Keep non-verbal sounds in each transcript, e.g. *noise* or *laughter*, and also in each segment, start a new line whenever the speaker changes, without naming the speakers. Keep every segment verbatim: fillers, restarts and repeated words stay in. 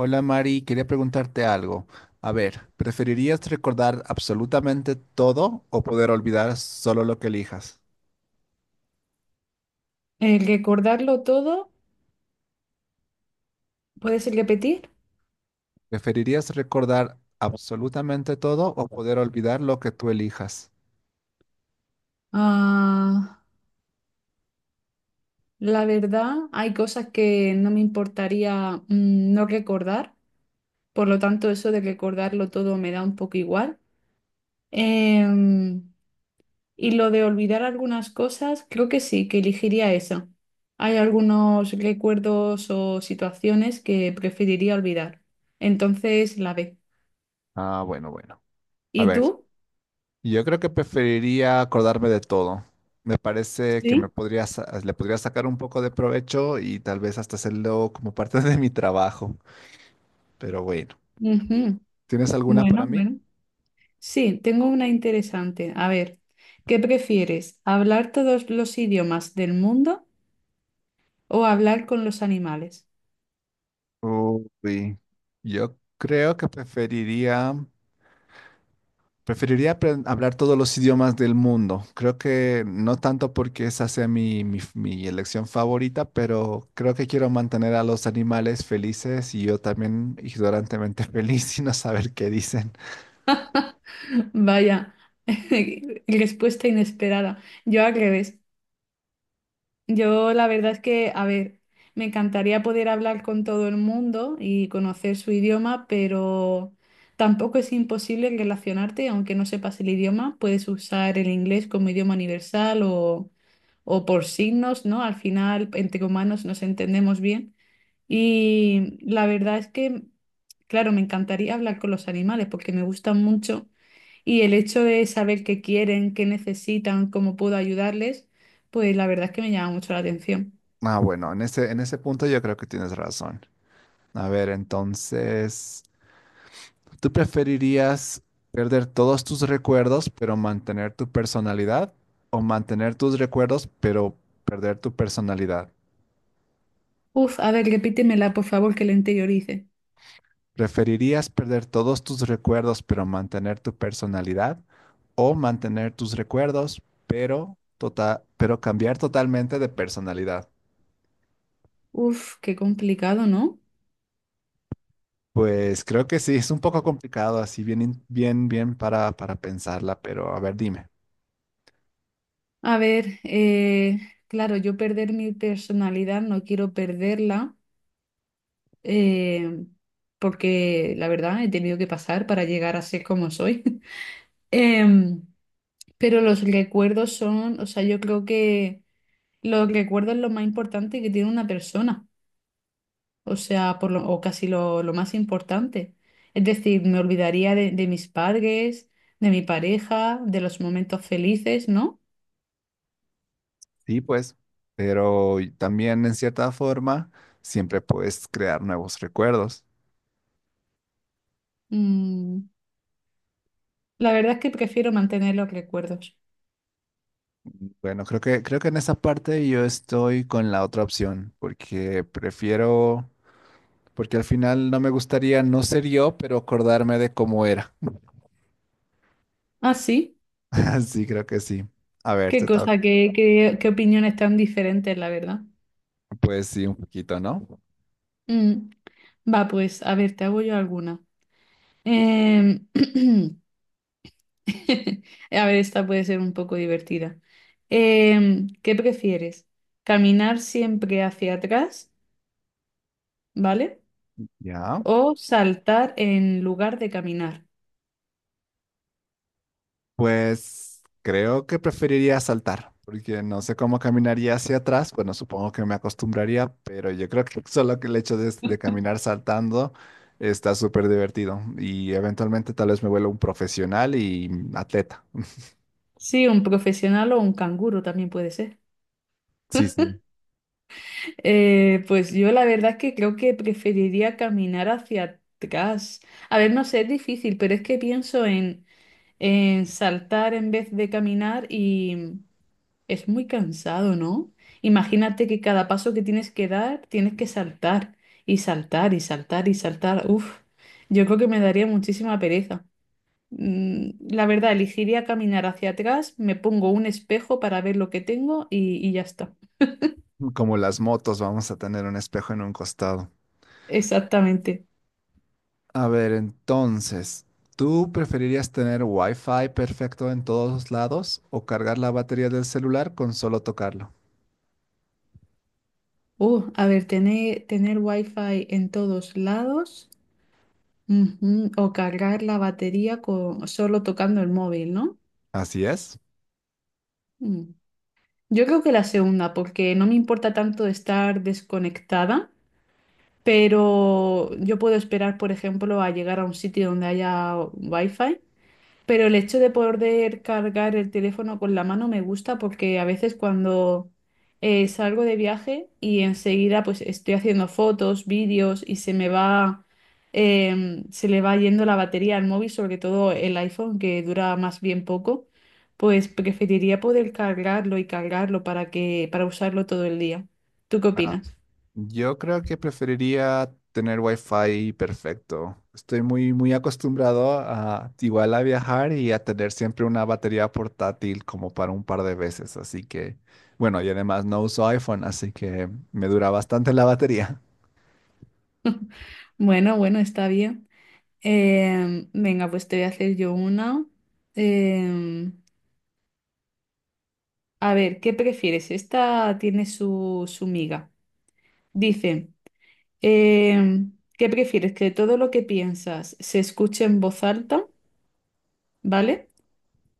Hola Mari, quería preguntarte algo. A ver, ¿preferirías recordar absolutamente todo o poder olvidar solo lo que elijas?
El recordarlo todo, ¿puedes repetir?
¿Preferirías recordar absolutamente todo o poder olvidar lo que tú elijas?
Ah, la verdad, hay cosas que no me importaría mm, no recordar, por lo tanto eso de recordarlo todo me da un poco igual. Em, y lo de olvidar algunas cosas, creo que sí, que elegiría eso. Hay algunos recuerdos o situaciones que preferiría olvidar. Entonces, la B.
Ah, bueno, bueno. A
¿Y
ver,
tú?
yo creo que preferiría acordarme de todo. Me parece que me
Sí.
podría, sa- le podría sacar un poco de provecho y tal vez hasta hacerlo como parte *laughs* de mi trabajo. Pero bueno,
Ujú.
¿tienes alguna
Bueno,
para mí?
bueno. Sí, tengo una interesante. A ver, ¿qué prefieres? ¿Hablar todos los idiomas del mundo o hablar con los animales?
Uy, yo creo que preferiría, preferiría apren- hablar todos los idiomas del mundo. Creo que no tanto porque esa sea mi, mi, mi elección favorita, pero creo que quiero mantener a los animales felices y yo también ignorantemente *laughs* feliz y no saber qué dicen.
Vaya, *laughs* respuesta inesperada. Yo al revés. Yo la verdad es que, a ver, me encantaría poder hablar con todo el mundo y conocer su idioma, pero tampoco es imposible relacionarte, aunque no sepas el idioma, puedes usar el inglés como idioma universal o... o por signos, ¿no? Al final, entre humanos nos entendemos bien. Y la verdad es que, claro, me encantaría hablar con los animales porque me gustan mucho y el hecho de saber qué quieren, qué necesitan, cómo puedo ayudarles, pues la verdad es que me llama mucho la atención.
Ah, bueno, en ese, en ese punto yo creo que tienes razón. A ver, entonces. ¿Tú preferirías perder todos tus recuerdos pero mantener tu personalidad o mantener tus recuerdos pero perder tu personalidad?
Uf, a ver, repítemela, por favor, que la interiorice.
¿Preferirías perder todos tus recuerdos pero mantener tu personalidad o mantener tus recuerdos pero tota- pero cambiar totalmente de personalidad?
Uf, qué complicado, ¿no?
Pues creo que sí, es un poco complicado así bien in- bien bien para para pensarla, pero a ver, dime.
A ver, eh, claro, yo perder mi personalidad, no quiero perderla. eh, porque la verdad he tenido que pasar para llegar a ser como soy. *laughs* Em, pero los recuerdos son, o sea, yo creo que los recuerdos es lo más importante que tiene una persona, o sea, por lo, o casi lo, lo más importante. Es decir, me olvidaría de, de mis padres, de mi pareja, de los momentos felices, ¿no?
Sí, pues, pero y también en cierta forma siempre puedes crear nuevos recuerdos.
Mm, la verdad es que prefiero mantener los recuerdos.
Bueno, creo que creo que en esa parte yo estoy con la otra opción, porque prefiero, porque al final no me gustaría no ser yo, pero acordarme de cómo era.
Ah, sí,
*laughs* Sí, creo que sí. A ver,
qué
te toca.
cosa, qué, qué, qué opiniones tan diferentes, la verdad.
Pues sí, un poquito, ¿no?
Mm. Va, pues, a ver, te hago yo alguna. Em, *clears throat* a ver, esta puede ser un poco divertida. Em, ¿qué prefieres? ¿Caminar siempre hacia atrás, ¿vale?
Ya.
¿O saltar en lugar de caminar?
Pues creo que preferiría saltar, porque no sé cómo caminaría hacia atrás. Bueno, supongo que me acostumbraría, pero yo creo que *laughs* solo que el hecho de, de caminar saltando está súper divertido. Y eventualmente tal vez me vuelva un profesional y atleta.
Sí, un profesional o un canguro también puede ser.
Sí, sí.
Eh, pues yo la verdad es que creo que preferiría caminar hacia atrás. A ver, no sé, es difícil, pero es que pienso en, en saltar en vez de caminar y... Es muy cansado, ¿no? Imagínate que cada paso que tienes que dar, tienes que saltar y saltar y saltar y saltar. Uf, yo creo que me daría muchísima pereza. Mm, La verdad, elegiría caminar hacia atrás, me pongo un espejo para ver lo que tengo y, y ya está.
Como las motos, vamos a tener un espejo en un costado.
Exactamente.
A ver, entonces, ¿tú preferirías tener Wi-Fi perfecto en todos lados o cargar la batería del celular con solo tocarlo?
Uh, a ver, tener, tener wifi en todos lados, ujú, o cargar la batería con, solo tocando el móvil, ¿no?
Así es.
Mm. Yo creo que la segunda, porque no me importa tanto estar desconectada, pero yo puedo esperar, por ejemplo, a llegar a un sitio donde haya wifi pero el hecho de poder cargar el teléfono con la mano me gusta porque a veces cuando eh, salgo de viaje y enseguida pues estoy haciendo fotos, vídeos y se me va, em, se le va yendo la batería al móvil, sobre todo el iPhone que dura más bien poco, pues preferiría poder cargarlo y cargarlo para que, para usarlo todo el día. ¿Tú qué
Ah,
opinas?
yo creo que preferiría tener wifi perfecto. Estoy muy, muy acostumbrado a igual a viajar y a tener siempre una batería portátil como para un par de veces. Así que, bueno, y además no uso iPhone, así que me dura bastante la batería.
Bueno, bueno, está bien. Em, venga, pues te voy a hacer yo una. Em, A ver, ¿qué prefieres? Esta tiene su, su miga. Dice, em, ¿qué prefieres? ¿Que todo lo que piensas se escuche en voz alta, ¿vale?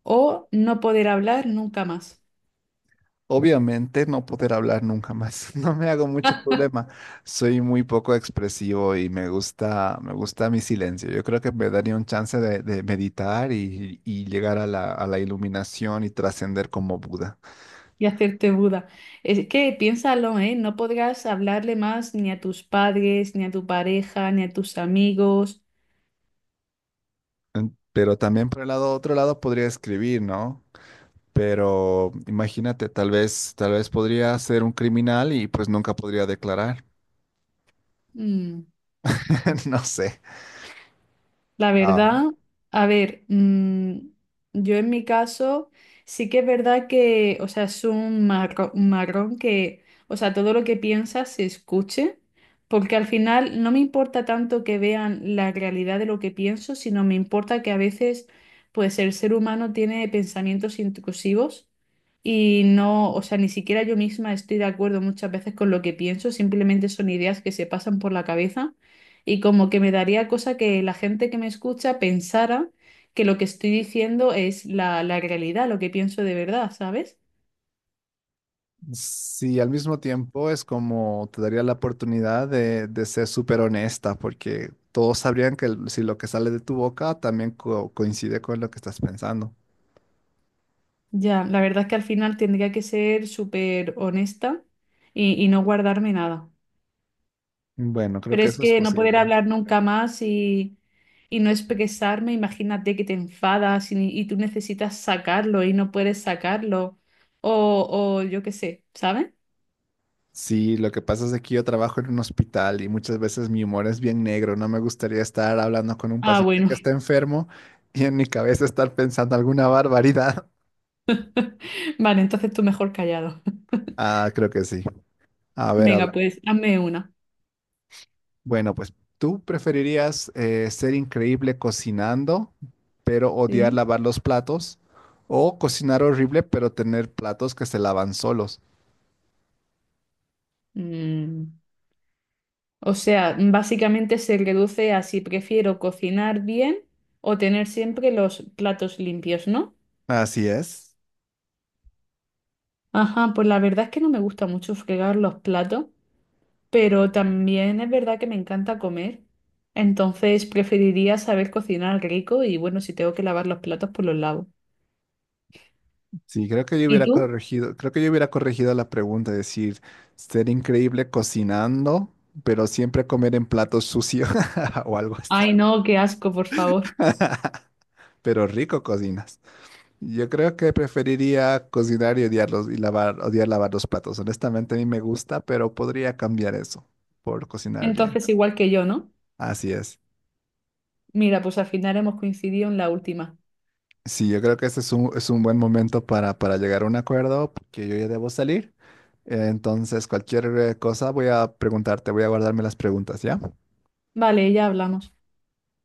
¿O no poder hablar nunca más
Obviamente no poder hablar nunca más. *laughs* No me hago mucho problema. Soy muy poco expresivo y me gusta, me gusta mi silencio. Yo creo que me daría un chance de, de meditar y, y llegar a la, a la iluminación y trascender como Buda.
y hacerte Buda? Es que piénsalo, ¿eh? No podrás hablarle más ni a tus padres, ni a tu pareja, ni a tus amigos.
En- Pero también por el lado, otro lado podría escribir, ¿no? Pero imagínate, tal vez, tal vez podría ser un criminal y pues nunca podría declarar.
Mm,
*laughs* No sé.
La
Ah,
verdad, a ver, mm, yo en mi caso sí que es verdad que, o sea, es un marro- un marrón, que, o sea, todo lo que piensas se escuche, porque al final no me importa tanto que vean la realidad de lo que pienso, sino me importa que a veces, pues, el ser humano tiene pensamientos intrusivos y no, o sea, ni siquiera yo misma estoy de acuerdo muchas veces con lo que pienso, simplemente son ideas que se pasan por la cabeza. Y como que me daría cosa que la gente que me escucha pensara que lo que estoy diciendo es la, la realidad, lo que pienso de verdad, ¿sabes?
sí, al mismo tiempo es como te daría la oportunidad de, de ser súper honesta, porque todos sabrían que el- si lo que sale de tu boca también co- coincide con lo que estás pensando.
Ya, la verdad es que al final tendría que ser súper honesta y, y no guardarme nada.
Bueno, creo
Pero
que
es
eso es
que no poder
posible.
hablar nunca más y, y no expresarme, imagínate que te enfadas y, y tú necesitas sacarlo y no puedes sacarlo. O, o yo qué sé, ¿sabes?
Sí, lo que pasa es que yo trabajo en un hospital y muchas veces mi humor es bien negro. No me gustaría estar hablando con un
Ah,
paciente
bueno.
que está enfermo y en mi cabeza estar pensando alguna barbaridad. *laughs*
*laughs* Vale, entonces tú mejor callado.
Ah, creo que sí. A
*laughs*
ver, a
Venga,
ver.
pues hazme una.
Bueno, pues tú preferirías eh, ser increíble cocinando, pero odiar
Sí.
lavar los platos, o cocinar horrible, pero tener platos que se lavan solos.
Mm, O sea, básicamente se reduce a si prefiero cocinar bien o tener siempre los platos limpios, ¿no?
Así es.
Ajá, pues la verdad es que no me gusta mucho fregar los platos, pero también es verdad que me encanta comer. Entonces preferiría saber cocinar rico y bueno, si tengo que lavar los platos, pues los lavo.
Sí, creo que yo
¿Y
hubiera
tú?
corregido, creo que yo hubiera corregido la pregunta, es decir, ser increíble cocinando, pero siempre comer en platos sucios *laughs* o algo así.
Ay, no, qué asco, por favor.
Pero rico cocinas. Yo creo que preferiría cocinar y odiarlos y lavar, odiar lavar los platos. Honestamente, a mí me gusta, pero podría cambiar eso por cocinar bien.
Entonces igual que yo, ¿no?
Así es.
Mira, pues al final hemos coincidido en la última.
Sí, yo creo que este es un, es un buen momento para, para llegar a un acuerdo, porque yo ya debo salir. Entonces, cualquier eh, cosa voy a preguntarte, voy a guardarme las preguntas, ¿ya?
Vale, ya hablamos.